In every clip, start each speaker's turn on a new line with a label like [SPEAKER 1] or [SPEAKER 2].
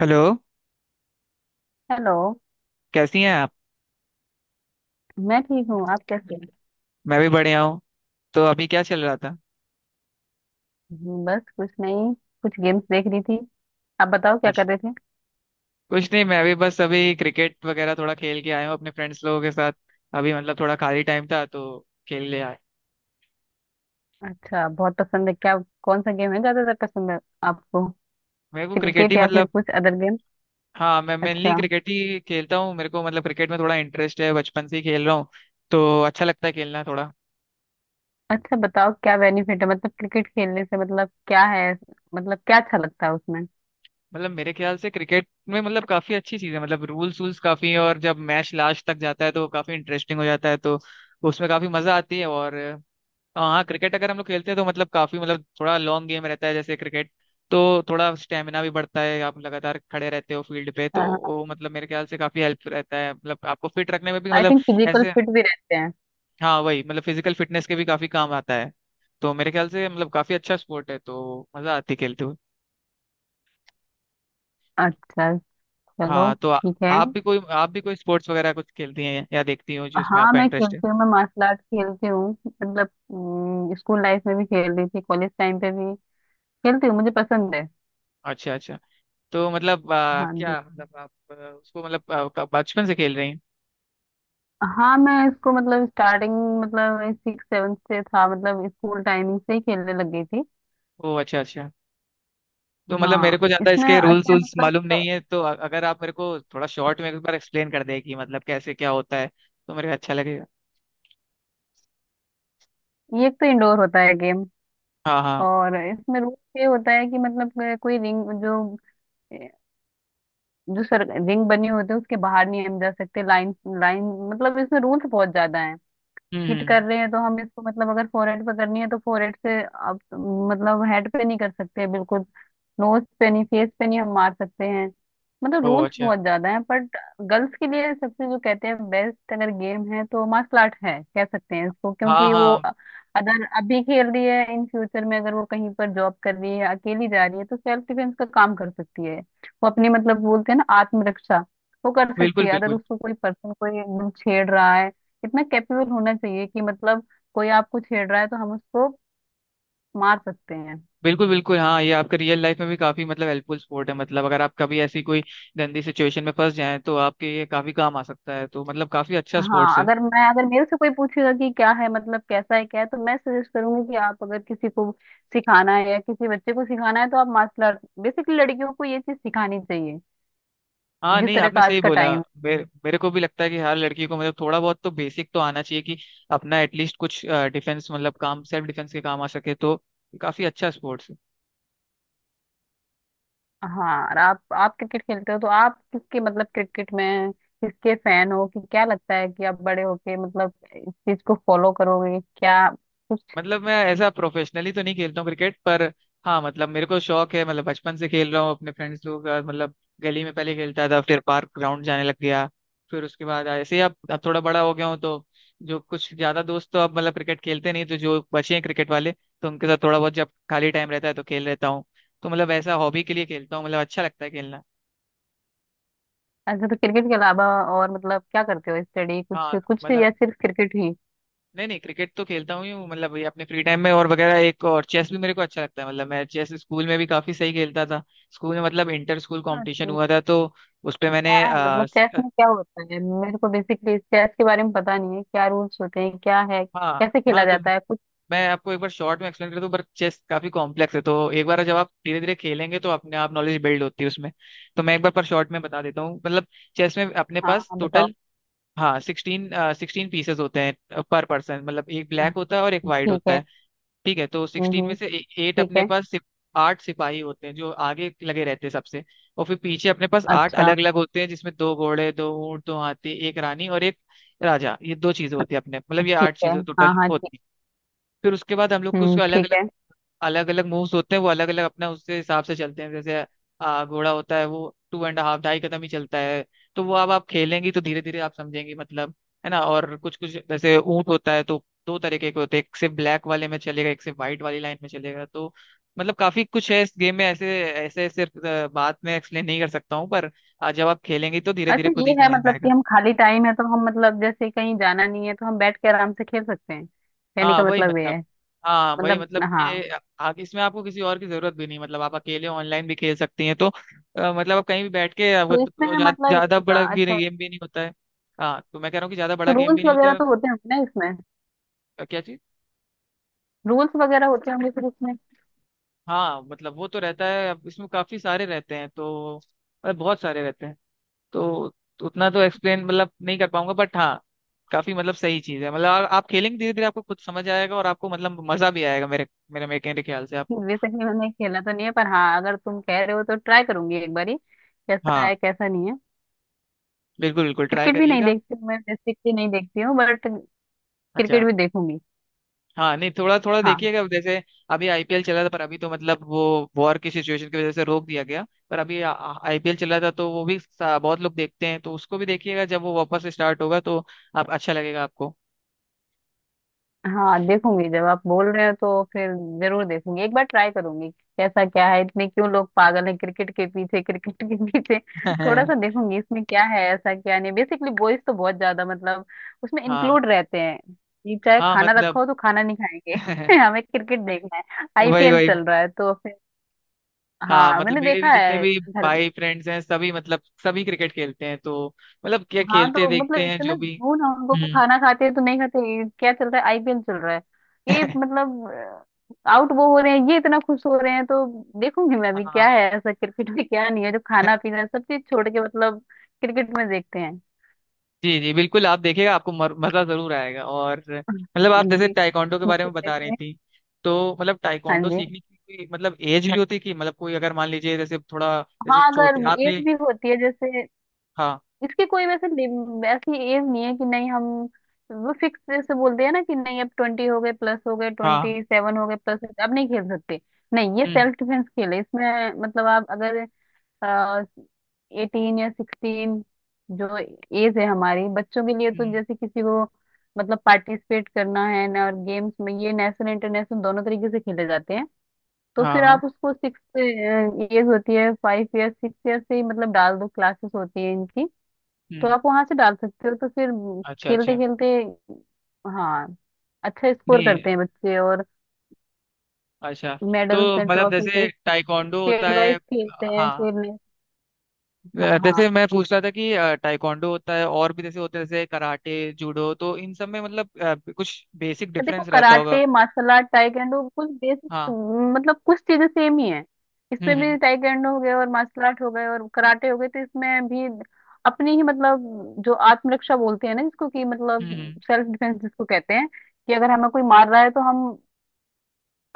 [SPEAKER 1] Hello.
[SPEAKER 2] Hello.
[SPEAKER 1] कैसी हैं आप?
[SPEAKER 2] मैं ठीक हूँ। आप कैसे हैं?
[SPEAKER 1] मैं भी बढ़िया हूँ। तो अभी क्या चल रहा था?
[SPEAKER 2] बस कुछ नहीं। कुछ गेम्स देख रही थी। आप बताओ क्या
[SPEAKER 1] अच्छा।
[SPEAKER 2] कर रहे थे?
[SPEAKER 1] कुछ नहीं, मैं भी बस अभी क्रिकेट वगैरह थोड़ा खेल के आया हूँ अपने फ्रेंड्स लोगों के साथ। अभी मतलब थोड़ा खाली टाइम था तो खेल ले आए।
[SPEAKER 2] अच्छा, बहुत पसंद है क्या? कौन सा गेम है ज्यादातर पसंद है आपको?
[SPEAKER 1] मेरे को क्रिकेट
[SPEAKER 2] क्रिकेट
[SPEAKER 1] ही
[SPEAKER 2] या फिर
[SPEAKER 1] मतलब।
[SPEAKER 2] कुछ अदर गेम?
[SPEAKER 1] हाँ, मैं मेनली
[SPEAKER 2] अच्छा
[SPEAKER 1] क्रिकेट ही खेलता हूँ। मेरे को मतलब क्रिकेट में थोड़ा इंटरेस्ट है, बचपन से ही खेल रहा हूँ तो अच्छा लगता है खेलना थोड़ा।
[SPEAKER 2] अच्छा, बताओ क्या बेनिफिट है मतलब क्रिकेट खेलने से, मतलब क्या है? मतलब क्या अच्छा लगता है उसमें?
[SPEAKER 1] मतलब मेरे ख्याल से क्रिकेट में मतलब काफी अच्छी चीज़ है। मतलब रूल्स वूल्स काफी हैं, और जब मैच लास्ट तक जाता है तो काफी इंटरेस्टिंग हो जाता है, तो उसमें काफी मजा आती है। और हाँ, क्रिकेट अगर हम लोग खेलते हैं तो मतलब काफी मतलब थोड़ा लॉन्ग गेम रहता है जैसे क्रिकेट। तो थोड़ा स्टेमिना भी बढ़ता है, आप लगातार खड़े रहते हो फील्ड पे, तो वो मतलब मेरे ख्याल से काफी हेल्प रहता है, मतलब आपको फिट रखने में भी
[SPEAKER 2] आई
[SPEAKER 1] मतलब
[SPEAKER 2] थिंक फिजिकल
[SPEAKER 1] ऐसे।
[SPEAKER 2] फिट भी रहते हैं।
[SPEAKER 1] हाँ, वही मतलब फिजिकल फिटनेस के भी काफी काम आता है। तो मेरे ख्याल से मतलब काफी अच्छा स्पोर्ट है तो मजा आती है खेलते हुए।
[SPEAKER 2] अच्छा। चलो,
[SPEAKER 1] हाँ तो
[SPEAKER 2] ठीक है।
[SPEAKER 1] आप भी कोई स्पोर्ट्स वगैरह कुछ खेलती हैं या देखती हो जिसमें
[SPEAKER 2] हाँ,
[SPEAKER 1] आपका
[SPEAKER 2] मैं
[SPEAKER 1] इंटरेस्ट है?
[SPEAKER 2] खेलती हूँ। मैं मार्शल आर्ट खेलती हूँ मतलब। स्कूल लाइफ में भी खेल रही थी, कॉलेज टाइम पे भी खेलती हूँ। मुझे पसंद है।
[SPEAKER 1] अच्छा अच्छा। तो मतलब
[SPEAKER 2] हाँ जी।
[SPEAKER 1] क्या मतलब आप उसको मतलब बचपन से खेल रही हैं?
[SPEAKER 2] हाँ, मैं इसको मतलब स्टार्टिंग, मतलब सिक्स सेवन्थ से था, मतलब स्कूल टाइमिंग से ही खेलने लग गई थी।
[SPEAKER 1] ओ अच्छा अच्छा। तो मतलब मेरे
[SPEAKER 2] हाँ,
[SPEAKER 1] को ज्यादा
[SPEAKER 2] इसमें
[SPEAKER 1] इसके रूल्स
[SPEAKER 2] अच्छा है,
[SPEAKER 1] रूल्स
[SPEAKER 2] मतलब
[SPEAKER 1] मालूम नहीं है, तो अगर आप मेरे को थोड़ा शॉर्ट में एक बार एक्सप्लेन कर दें कि मतलब कैसे क्या होता है तो मेरे को अच्छा लगेगा।
[SPEAKER 2] ये एक तो इंडोर होता है गेम।
[SPEAKER 1] हाँ हाँ।
[SPEAKER 2] और इसमें रूल ये होता है कि मतलब कोई रिंग, जो जो सर रिंग बनी होती है उसके बाहर नहीं हम जा सकते। लाइन लाइन, मतलब इसमें रूल्स बहुत ज्यादा। हिट
[SPEAKER 1] हम्म।
[SPEAKER 2] कर रहे हैं तो हम इसको मतलब, अगर फोरहेड पे करनी है तो फोरहेड से, आप मतलब हेड पे नहीं कर सकते बिल्कुल। नोज पे नहीं, फेस पे नहीं हम मार सकते हैं। मतलब
[SPEAKER 1] ओ
[SPEAKER 2] रूल्स
[SPEAKER 1] अच्छा।
[SPEAKER 2] बहुत ज्यादा हैं, बट गर्ल्स के लिए सबसे जो कहते हैं बेस्ट अगर गेम है तो मार्शल आर्ट है, कह सकते हैं इसको।
[SPEAKER 1] हाँ
[SPEAKER 2] क्योंकि वो
[SPEAKER 1] हाँ।
[SPEAKER 2] अगर अभी खेल रही है, इन फ्यूचर में अगर वो कहीं पर जॉब कर रही है, अकेली जा रही है, तो सेल्फ डिफेंस का काम कर सकती है। वो अपनी मतलब बोलते हैं ना, आत्मरक्षा, वो कर सकती
[SPEAKER 1] बिल्कुल
[SPEAKER 2] है। अगर
[SPEAKER 1] बिल्कुल।
[SPEAKER 2] उसको कोई पर्सन कोई एकदम छेड़ रहा है, इतना कैपेबल होना चाहिए कि मतलब कोई आपको छेड़ रहा है तो हम उसको मार सकते हैं।
[SPEAKER 1] बिल्कुल बिल्कुल, हाँ, ये आपके रियल लाइफ में भी काफी मतलब हेल्पफुल स्पोर्ट है। मतलब अगर आप कभी ऐसी कोई गंदी सिचुएशन में फंस जाएं तो आपके ये काफी काम आ सकता है, तो मतलब काफी अच्छा
[SPEAKER 2] हाँ,
[SPEAKER 1] स्पोर्ट्स है।
[SPEAKER 2] अगर मेरे से कोई पूछेगा कि क्या है, मतलब कैसा है क्या है, तो मैं सजेस्ट करूंगी कि आप अगर किसी को सिखाना है या किसी बच्चे को सिखाना है तो आप मार्शल आर्ट, बेसिकली लड़कियों को ये चीज सिखानी चाहिए,
[SPEAKER 1] हाँ
[SPEAKER 2] जिस
[SPEAKER 1] नहीं,
[SPEAKER 2] तरह
[SPEAKER 1] आपने
[SPEAKER 2] का आज
[SPEAKER 1] सही
[SPEAKER 2] का
[SPEAKER 1] बोला।
[SPEAKER 2] टाइम।
[SPEAKER 1] मेरे को भी लगता है कि हर लड़की को मतलब थोड़ा बहुत तो बेसिक तो आना चाहिए, कि अपना एटलीस्ट कुछ डिफेंस मतलब काम, सेल्फ डिफेंस के काम आ सके तो काफी अच्छा स्पोर्ट्स।
[SPEAKER 2] हाँ, और आप क्रिकेट खेलते हो तो आप किसके मतलब क्रिकेट में किसके फैन हो, कि क्या लगता है कि आप बड़े होके मतलब इस चीज को फॉलो करोगे क्या?
[SPEAKER 1] मतलब मैं ऐसा प्रोफेशनली तो नहीं खेलता हूँ क्रिकेट पर। हाँ मतलब मेरे को शौक है, मतलब बचपन से खेल रहा हूँ अपने फ्रेंड्स लोगों के साथ मतलब। गली में पहले खेलता था, फिर पार्क ग्राउंड जाने लग गया। फिर उसके बाद ऐसे ही अब थोड़ा बड़ा हो गया हूँ, तो जो कुछ ज्यादा दोस्त तो अब मतलब क्रिकेट खेलते नहीं, तो जो बचे हैं क्रिकेट वाले तो उनके साथ थोड़ा बहुत जब खाली टाइम रहता है तो खेल लेता हूँ। तो मतलब ऐसा हॉबी के लिए खेलता हूँ, मतलब अच्छा लगता है खेलना।
[SPEAKER 2] अच्छा, तो क्रिकेट के अलावा और मतलब क्या करते हो, स्टडी कुछ
[SPEAKER 1] हाँ
[SPEAKER 2] कुछ
[SPEAKER 1] मतलब
[SPEAKER 2] या सिर्फ क्रिकेट ही?
[SPEAKER 1] नहीं नहीं, क्रिकेट तो खेलता हूँ ही हूँ मतलब, ये अपने फ्री टाइम में, और वगैरह एक और चेस भी मेरे को अच्छा लगता है। मतलब मैं चेस स्कूल में भी काफी सही खेलता था। स्कूल में मतलब इंटर स्कूल
[SPEAKER 2] हाँ
[SPEAKER 1] कंपटीशन
[SPEAKER 2] तो
[SPEAKER 1] हुआ था, तो उस पे
[SPEAKER 2] क्या
[SPEAKER 1] मैंने
[SPEAKER 2] है, मतलब चेस में क्या होता है? मेरे को बेसिकली चेस के बारे में पता नहीं है, क्या रूल्स होते हैं, क्या है,
[SPEAKER 1] हाँ
[SPEAKER 2] कैसे
[SPEAKER 1] हाँ,
[SPEAKER 2] खेला
[SPEAKER 1] तो
[SPEAKER 2] जाता है कुछ?
[SPEAKER 1] मैं आपको एक बार शॉर्ट में एक्सप्लेन कर दूं, पर चेस काफी कॉम्प्लेक्स है, तो एक बार जब आप धीरे धीरे खेलेंगे तो अपने आप नॉलेज बिल्ड होती है उसमें। तो मैं एक बार पर शॉर्ट में बता देता हूँ मतलब, चेस में अपने
[SPEAKER 2] हाँ
[SPEAKER 1] पास
[SPEAKER 2] हाँ, बताओ।
[SPEAKER 1] टोटल, हाँ, सिक्सटीन सिक्सटीन पीसेस होते हैं पर पर्सन, मतलब एक ब्लैक होता है और एक वाइट
[SPEAKER 2] ठीक
[SPEAKER 1] होता
[SPEAKER 2] है।
[SPEAKER 1] है। ठीक है, तो
[SPEAKER 2] हम्म
[SPEAKER 1] 16 में
[SPEAKER 2] हम्म,
[SPEAKER 1] से एट
[SPEAKER 2] ठीक
[SPEAKER 1] अपने
[SPEAKER 2] है।
[SPEAKER 1] पास सिप, आठ सिपाही होते हैं जो आगे लगे रहते हैं सबसे, और फिर पीछे अपने पास आठ
[SPEAKER 2] अच्छा।
[SPEAKER 1] अलग अलग होते हैं, जिसमें दो घोड़े, दो ऊंट, दो हाथी, एक रानी और एक राजा। ये दो चीजें होती है अपने मतलब, ये
[SPEAKER 2] ठीक
[SPEAKER 1] आठ
[SPEAKER 2] है।
[SPEAKER 1] चीजें
[SPEAKER 2] हाँ
[SPEAKER 1] टोटल
[SPEAKER 2] हाँ, ठीक।
[SPEAKER 1] होती है। फिर उसके बाद हम लोग को उसको
[SPEAKER 2] हम्म,
[SPEAKER 1] अलग
[SPEAKER 2] ठीक है।
[SPEAKER 1] अलग अलग मूव्स होते हैं। वो अलग अलग अपना उसके हिसाब से चलते हैं, जैसे घोड़ा होता है वो टू एंड हाफ ढाई कदम ही चलता है। तो वो अब आप खेलेंगी तो धीरे धीरे आप समझेंगी मतलब, है ना? और कुछ कुछ जैसे ऊंट होता है तो दो तरीके के होते हैं, एक से ब्लैक वाले में चलेगा एक से व्हाइट वाली लाइन में चलेगा। तो मतलब काफी कुछ है इस गेम में ऐसे ऐसे ऐसे बात में एक्सप्लेन नहीं कर सकता हूँ, पर जब आप खेलेंगी तो धीरे धीरे
[SPEAKER 2] अच्छा,
[SPEAKER 1] खुद
[SPEAKER 2] ये
[SPEAKER 1] ही
[SPEAKER 2] है
[SPEAKER 1] समझ में
[SPEAKER 2] मतलब
[SPEAKER 1] आएगा।
[SPEAKER 2] कि हम खाली टाइम है तो हम, मतलब जैसे कहीं जाना नहीं है तो हम बैठ के आराम से खेल सकते हैं, कहने
[SPEAKER 1] हाँ
[SPEAKER 2] का
[SPEAKER 1] वही
[SPEAKER 2] मतलब ये
[SPEAKER 1] मतलब
[SPEAKER 2] है।
[SPEAKER 1] हाँ वही
[SPEAKER 2] मतलब।
[SPEAKER 1] मतलब,
[SPEAKER 2] हाँ,
[SPEAKER 1] ये इसमें आपको किसी और की जरूरत भी नहीं, मतलब आप अकेले ऑनलाइन भी खेल सकती हैं, तो मतलब आप कहीं भी बैठ के आपको
[SPEAKER 2] तो
[SPEAKER 1] तो
[SPEAKER 2] इसमें मतलब ये
[SPEAKER 1] ज्यादा
[SPEAKER 2] होता,
[SPEAKER 1] बड़ा
[SPEAKER 2] अच्छा।
[SPEAKER 1] गेम भी नहीं होता है। हाँ, तो मैं कह रहा हूँ कि ज्यादा
[SPEAKER 2] तो
[SPEAKER 1] बड़ा गेम भी
[SPEAKER 2] रूल्स
[SPEAKER 1] नहीं
[SPEAKER 2] वगैरह
[SPEAKER 1] होता
[SPEAKER 2] तो होते होंगे ना इसमें?
[SPEAKER 1] है। क्या चीज?
[SPEAKER 2] रूल्स वगैरह होते होंगे फिर इसमें?
[SPEAKER 1] हाँ, मतलब वो तो रहता है, अब इसमें काफी सारे रहते हैं, तो मतलब बहुत सारे रहते हैं, तो उतना तो एक्सप्लेन मतलब नहीं कर पाऊंगा, बट हाँ, काफी मतलब सही चीज है मतलब, आप खेलेंगे धीरे धीरे आपको खुद समझ आएगा और आपको मतलब मजा भी आएगा मेरे मेरे मेरे मेरे ख्याल से आपको।
[SPEAKER 2] वैसे ही मैंने खेला तो नहीं है, पर हाँ अगर तुम कह रहे हो तो ट्राई करूंगी एक बारी, कैसा
[SPEAKER 1] हाँ,
[SPEAKER 2] है कैसा नहीं है।
[SPEAKER 1] बिल्कुल बिल्कुल, ट्राई
[SPEAKER 2] क्रिकेट भी नहीं
[SPEAKER 1] करिएगा।
[SPEAKER 2] देखती हूँ मैं, बेसिकली नहीं देखती हूँ, बट
[SPEAKER 1] अच्छा।
[SPEAKER 2] क्रिकेट भी देखूंगी।
[SPEAKER 1] हाँ नहीं, थोड़ा थोड़ा
[SPEAKER 2] हाँ
[SPEAKER 1] देखिएगा, जैसे अभी आईपीएल चला था, पर अभी तो मतलब वो वॉर की सिचुएशन की वजह से रोक दिया गया, पर अभी आईपीएल चला था तो वो भी बहुत लोग देखते हैं तो उसको भी देखिएगा, जब वो वापस स्टार्ट होगा तो आप, अच्छा लगेगा आपको।
[SPEAKER 2] हाँ, देखूंगी। जब आप बोल रहे हो तो फिर जरूर देखूंगी, एक बार ट्राई करूंगी। कैसा क्या है, इतने क्यों लोग पागल हैं क्रिकेट के पीछे, क्रिकेट के पीछे। थोड़ा सा देखूंगी, इसमें क्या है ऐसा क्या नहीं। बेसिकली बॉयज तो बहुत ज्यादा मतलब उसमें
[SPEAKER 1] हाँ
[SPEAKER 2] इंक्लूड रहते हैं। ये चाहे
[SPEAKER 1] हाँ,
[SPEAKER 2] खाना
[SPEAKER 1] मतलब
[SPEAKER 2] रखा हो तो खाना नहीं खाएंगे हमें क्रिकेट देखना है,
[SPEAKER 1] वही
[SPEAKER 2] आईपीएल
[SPEAKER 1] वही।
[SPEAKER 2] चल रहा है तो फिर।
[SPEAKER 1] हाँ
[SPEAKER 2] हाँ
[SPEAKER 1] मतलब
[SPEAKER 2] मैंने
[SPEAKER 1] मेरे
[SPEAKER 2] देखा
[SPEAKER 1] भी जितने
[SPEAKER 2] है।
[SPEAKER 1] भी
[SPEAKER 2] घर।
[SPEAKER 1] भाई फ्रेंड्स हैं, सभी मतलब सभी क्रिकेट खेलते हैं, तो मतलब क्या
[SPEAKER 2] हाँ
[SPEAKER 1] खेलते
[SPEAKER 2] तो
[SPEAKER 1] देखते
[SPEAKER 2] मतलब
[SPEAKER 1] हैं
[SPEAKER 2] इतना
[SPEAKER 1] जो भी।
[SPEAKER 2] जुनून है उनको, वो
[SPEAKER 1] हम्म।
[SPEAKER 2] खाना खाते हैं तो नहीं खाते, ये क्या चल रहा है? आईपीएल चल रहा है। ये मतलब आउट वो हो रहे हैं, ये इतना खुश हो रहे हैं तो। देखूंगी मैं, अभी क्या
[SPEAKER 1] हाँ।
[SPEAKER 2] है ऐसा क्रिकेट में क्या नहीं है जो खाना पीना सब चीज छोड़ के मतलब क्रिकेट में देखते हैं।
[SPEAKER 1] जी जी बिल्कुल, आप देखिएगा आपको मजा जरूर आएगा। और मतलब आप
[SPEAKER 2] जी।
[SPEAKER 1] जैसे टाइकोंडो के बारे
[SPEAKER 2] बिल्कुल
[SPEAKER 1] में बता रही
[SPEAKER 2] देखेंगे।
[SPEAKER 1] थी, तो मतलब
[SPEAKER 2] हाँ
[SPEAKER 1] टाइकोंडो
[SPEAKER 2] जी।
[SPEAKER 1] सीखने की कोई मतलब एज भी होती है कि मतलब कोई अगर मान लीजिए जैसे थोड़ा, जैसे
[SPEAKER 2] हाँ अगर
[SPEAKER 1] छोटे
[SPEAKER 2] एज
[SPEAKER 1] आपने...
[SPEAKER 2] भी होती है जैसे
[SPEAKER 1] हाँ
[SPEAKER 2] इसकी कोई वैसे ऐसी एज नहीं है कि नहीं हम, वो फिक्स से बोलते हैं ना कि नहीं अब 20 हो गए, प्लस हो गए,
[SPEAKER 1] हाँ।
[SPEAKER 2] 27 हो गए, प्लस अब नहीं खेल सकते। नहीं, ये
[SPEAKER 1] हम्म
[SPEAKER 2] सेल्फ डिफेंस खेल है। इसमें मतलब आप अगर 18 या 16, जो एज है हमारी बच्चों के लिए, तो
[SPEAKER 1] हम्म।
[SPEAKER 2] जैसे किसी को मतलब पार्टिसिपेट करना है ना और गेम्स में, ये नेशनल इंटरनेशनल दोनों तरीके से खेले जाते हैं। तो
[SPEAKER 1] हाँ
[SPEAKER 2] फिर
[SPEAKER 1] हाँ।
[SPEAKER 2] आप उसको सिक्स एज होती है, 5 ईयर 6 ईयर से ही मतलब डाल दो, क्लासेस होती है इनकी। तो
[SPEAKER 1] हम्म।
[SPEAKER 2] आप वहां से डाल सकते हो, तो फिर
[SPEAKER 1] अच्छा
[SPEAKER 2] खेलते
[SPEAKER 1] अच्छा।
[SPEAKER 2] खेलते, हाँ, अच्छा स्कोर
[SPEAKER 1] नहीं,
[SPEAKER 2] करते हैं बच्चे और
[SPEAKER 1] अच्छा, तो
[SPEAKER 2] मेडल्स एंड
[SPEAKER 1] मतलब
[SPEAKER 2] ट्रॉफीज,
[SPEAKER 1] जैसे टाइकोंडो होता
[SPEAKER 2] स्टेट
[SPEAKER 1] है,
[SPEAKER 2] वाइज खेलते हैं
[SPEAKER 1] हाँ,
[SPEAKER 2] फिर ने
[SPEAKER 1] जैसे
[SPEAKER 2] हाँ
[SPEAKER 1] मैं पूछ रहा था कि टाइकोंडो होता है और भी जैसे होते हैं जैसे कराटे, जूडो, तो इन सब में मतलब कुछ बेसिक
[SPEAKER 2] तो देखो,
[SPEAKER 1] डिफरेंस रहता होगा?
[SPEAKER 2] कराटे मार्शल आर्ट ताइक्वांडो कुछ बेसिक
[SPEAKER 1] हाँ।
[SPEAKER 2] मतलब कुछ चीजें सेम ही है।
[SPEAKER 1] हम्म
[SPEAKER 2] इसमें
[SPEAKER 1] हम्म।
[SPEAKER 2] भी ताइक्वांडो हो गए और मार्शल आर्ट हो गए और कराटे हो गए, तो इसमें भी अपनी ही मतलब जो आत्मरक्षा बोलते हैं ना, जिसको कि मतलब
[SPEAKER 1] हम्म हम्म
[SPEAKER 2] सेल्फ डिफेंस जिसको कहते हैं, कि अगर हमें कोई मार रहा है तो हम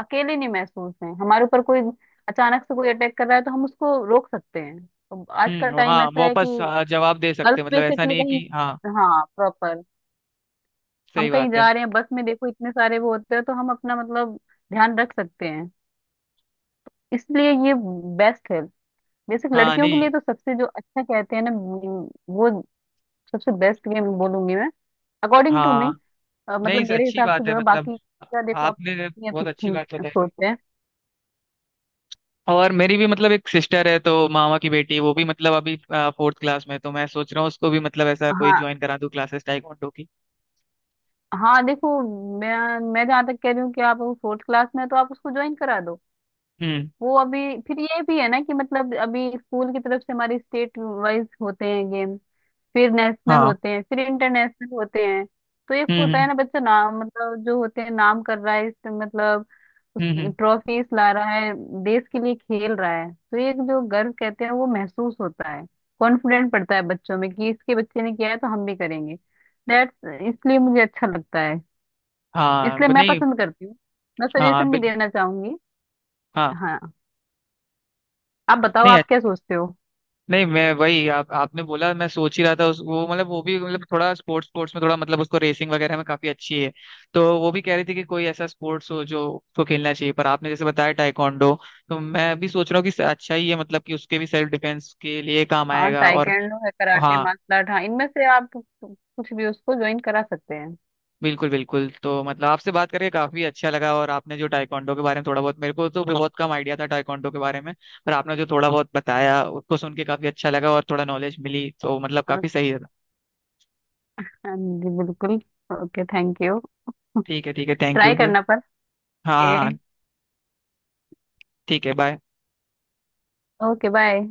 [SPEAKER 2] अकेले नहीं महसूस हैं, हमारे ऊपर कोई अचानक से कोई अटैक कर रहा है तो हम उसको रोक सकते हैं। तो आज का टाइम
[SPEAKER 1] हाँ
[SPEAKER 2] ऐसा है कि
[SPEAKER 1] वापस जवाब दे सकते
[SPEAKER 2] गर्ल्स
[SPEAKER 1] हैं। मतलब ऐसा
[SPEAKER 2] बेसिकली
[SPEAKER 1] नहीं है
[SPEAKER 2] कहीं,
[SPEAKER 1] कि। हाँ,
[SPEAKER 2] हाँ प्रॉपर, हम
[SPEAKER 1] सही
[SPEAKER 2] कहीं
[SPEAKER 1] बात है।
[SPEAKER 2] जा रहे हैं बस में, देखो इतने सारे वो होते हैं तो हम अपना मतलब ध्यान रख सकते हैं। इसलिए ये बेस्ट है, बेसिक
[SPEAKER 1] हाँ
[SPEAKER 2] लड़कियों के
[SPEAKER 1] नहीं,
[SPEAKER 2] लिए तो सबसे जो अच्छा कहते हैं ना, वो सबसे बेस्ट गेम बोलूंगी मैं, अकॉर्डिंग टू मी,
[SPEAKER 1] हाँ
[SPEAKER 2] मतलब
[SPEAKER 1] नहीं सर,
[SPEAKER 2] मेरे
[SPEAKER 1] अच्छी
[SPEAKER 2] हिसाब से
[SPEAKER 1] बात है,
[SPEAKER 2] जो है।
[SPEAKER 1] मतलब
[SPEAKER 2] बाकी का देखो,
[SPEAKER 1] आपने
[SPEAKER 2] अपनी
[SPEAKER 1] बहुत
[SPEAKER 2] अपनी
[SPEAKER 1] अच्छी
[SPEAKER 2] थिंक
[SPEAKER 1] बात बताई मेरे
[SPEAKER 2] सोच
[SPEAKER 1] को।
[SPEAKER 2] है।
[SPEAKER 1] और मेरी भी मतलब एक सिस्टर है, तो मामा की बेटी, वो भी मतलब अभी फोर्थ क्लास में है, तो मैं सोच रहा हूँ उसको भी मतलब ऐसा कोई
[SPEAKER 2] हाँ
[SPEAKER 1] ज्वाइन करा दूँ क्लासेस टाइकोंडो की।
[SPEAKER 2] हाँ, देखो मैं मैं जहाँ तक कह रही हूँ कि आप फोर्थ क्लास में हैं, तो आप उसको ज्वाइन करा दो।
[SPEAKER 1] हम्म।
[SPEAKER 2] वो अभी, फिर ये भी है ना कि मतलब अभी स्कूल की तरफ से हमारी स्टेट वाइज होते हैं गेम, फिर नेशनल
[SPEAKER 1] हाँ।
[SPEAKER 2] होते हैं, फिर इंटरनेशनल होते हैं। तो एक होता है
[SPEAKER 1] हम्म।
[SPEAKER 2] ना बच्चा नाम मतलब जो होते हैं नाम कर रहा है इस मतलब
[SPEAKER 1] हम्म।
[SPEAKER 2] ट्रॉफीज ला रहा है, देश के लिए खेल रहा है, तो एक जो गर्व कहते हैं वो महसूस होता है। कॉन्फिडेंट पड़ता है बच्चों में कि इसके बच्चे ने किया है तो हम भी करेंगे, दैट्स इसलिए मुझे अच्छा लगता है,
[SPEAKER 1] हाँ
[SPEAKER 2] इसलिए मैं
[SPEAKER 1] नहीं।
[SPEAKER 2] पसंद करती हूँ। मैं
[SPEAKER 1] हाँ
[SPEAKER 2] सजेशन भी देना चाहूंगी।
[SPEAKER 1] हाँ
[SPEAKER 2] हाँ, आप बताओ
[SPEAKER 1] नहीं।
[SPEAKER 2] आप क्या सोचते हो?
[SPEAKER 1] नहीं, मैं वही, आप आपने बोला, मैं सोच ही रहा था, उस वो मतलब वो भी मतलब थोड़ा स्पोर्ट्स स्पोर्ट्स में थोड़ा मतलब उसको रेसिंग वगैरह में काफी अच्छी है। तो वो भी कह रही थी कि कोई ऐसा स्पोर्ट्स हो जो उसको खेलना चाहिए, पर आपने जैसे बताया टाइकोंडो, तो मैं भी सोच रहा हूँ कि अच्छा ही है मतलब, कि उसके भी सेल्फ डिफेंस के लिए काम
[SPEAKER 2] हाँ,
[SPEAKER 1] आएगा, और
[SPEAKER 2] टाइकेंडो है, कराटे,
[SPEAKER 1] हाँ
[SPEAKER 2] मार्शल आर्ट, हाँ इनमें से आप कुछ भी उसको ज्वाइन करा सकते हैं।
[SPEAKER 1] बिल्कुल बिल्कुल, तो मतलब आपसे बात करके काफी अच्छा लगा, और आपने जो टाइकोंडो के बारे में थोड़ा बहुत, मेरे को तो बहुत कम आइडिया था टाइकोंडो के बारे में, पर आपने जो थोड़ा बहुत बताया उसको सुन के काफी अच्छा लगा और थोड़ा नॉलेज मिली, तो मतलब
[SPEAKER 2] हाँ
[SPEAKER 1] काफी सही था।
[SPEAKER 2] जी, बिल्कुल। Okay, thank you.
[SPEAKER 1] ठीक है, ठीक है, थैंक यू
[SPEAKER 2] ट्राई
[SPEAKER 1] फिर।
[SPEAKER 2] करना पर।
[SPEAKER 1] हाँ हाँ। ठीक है, बाय।
[SPEAKER 2] Okay, bye.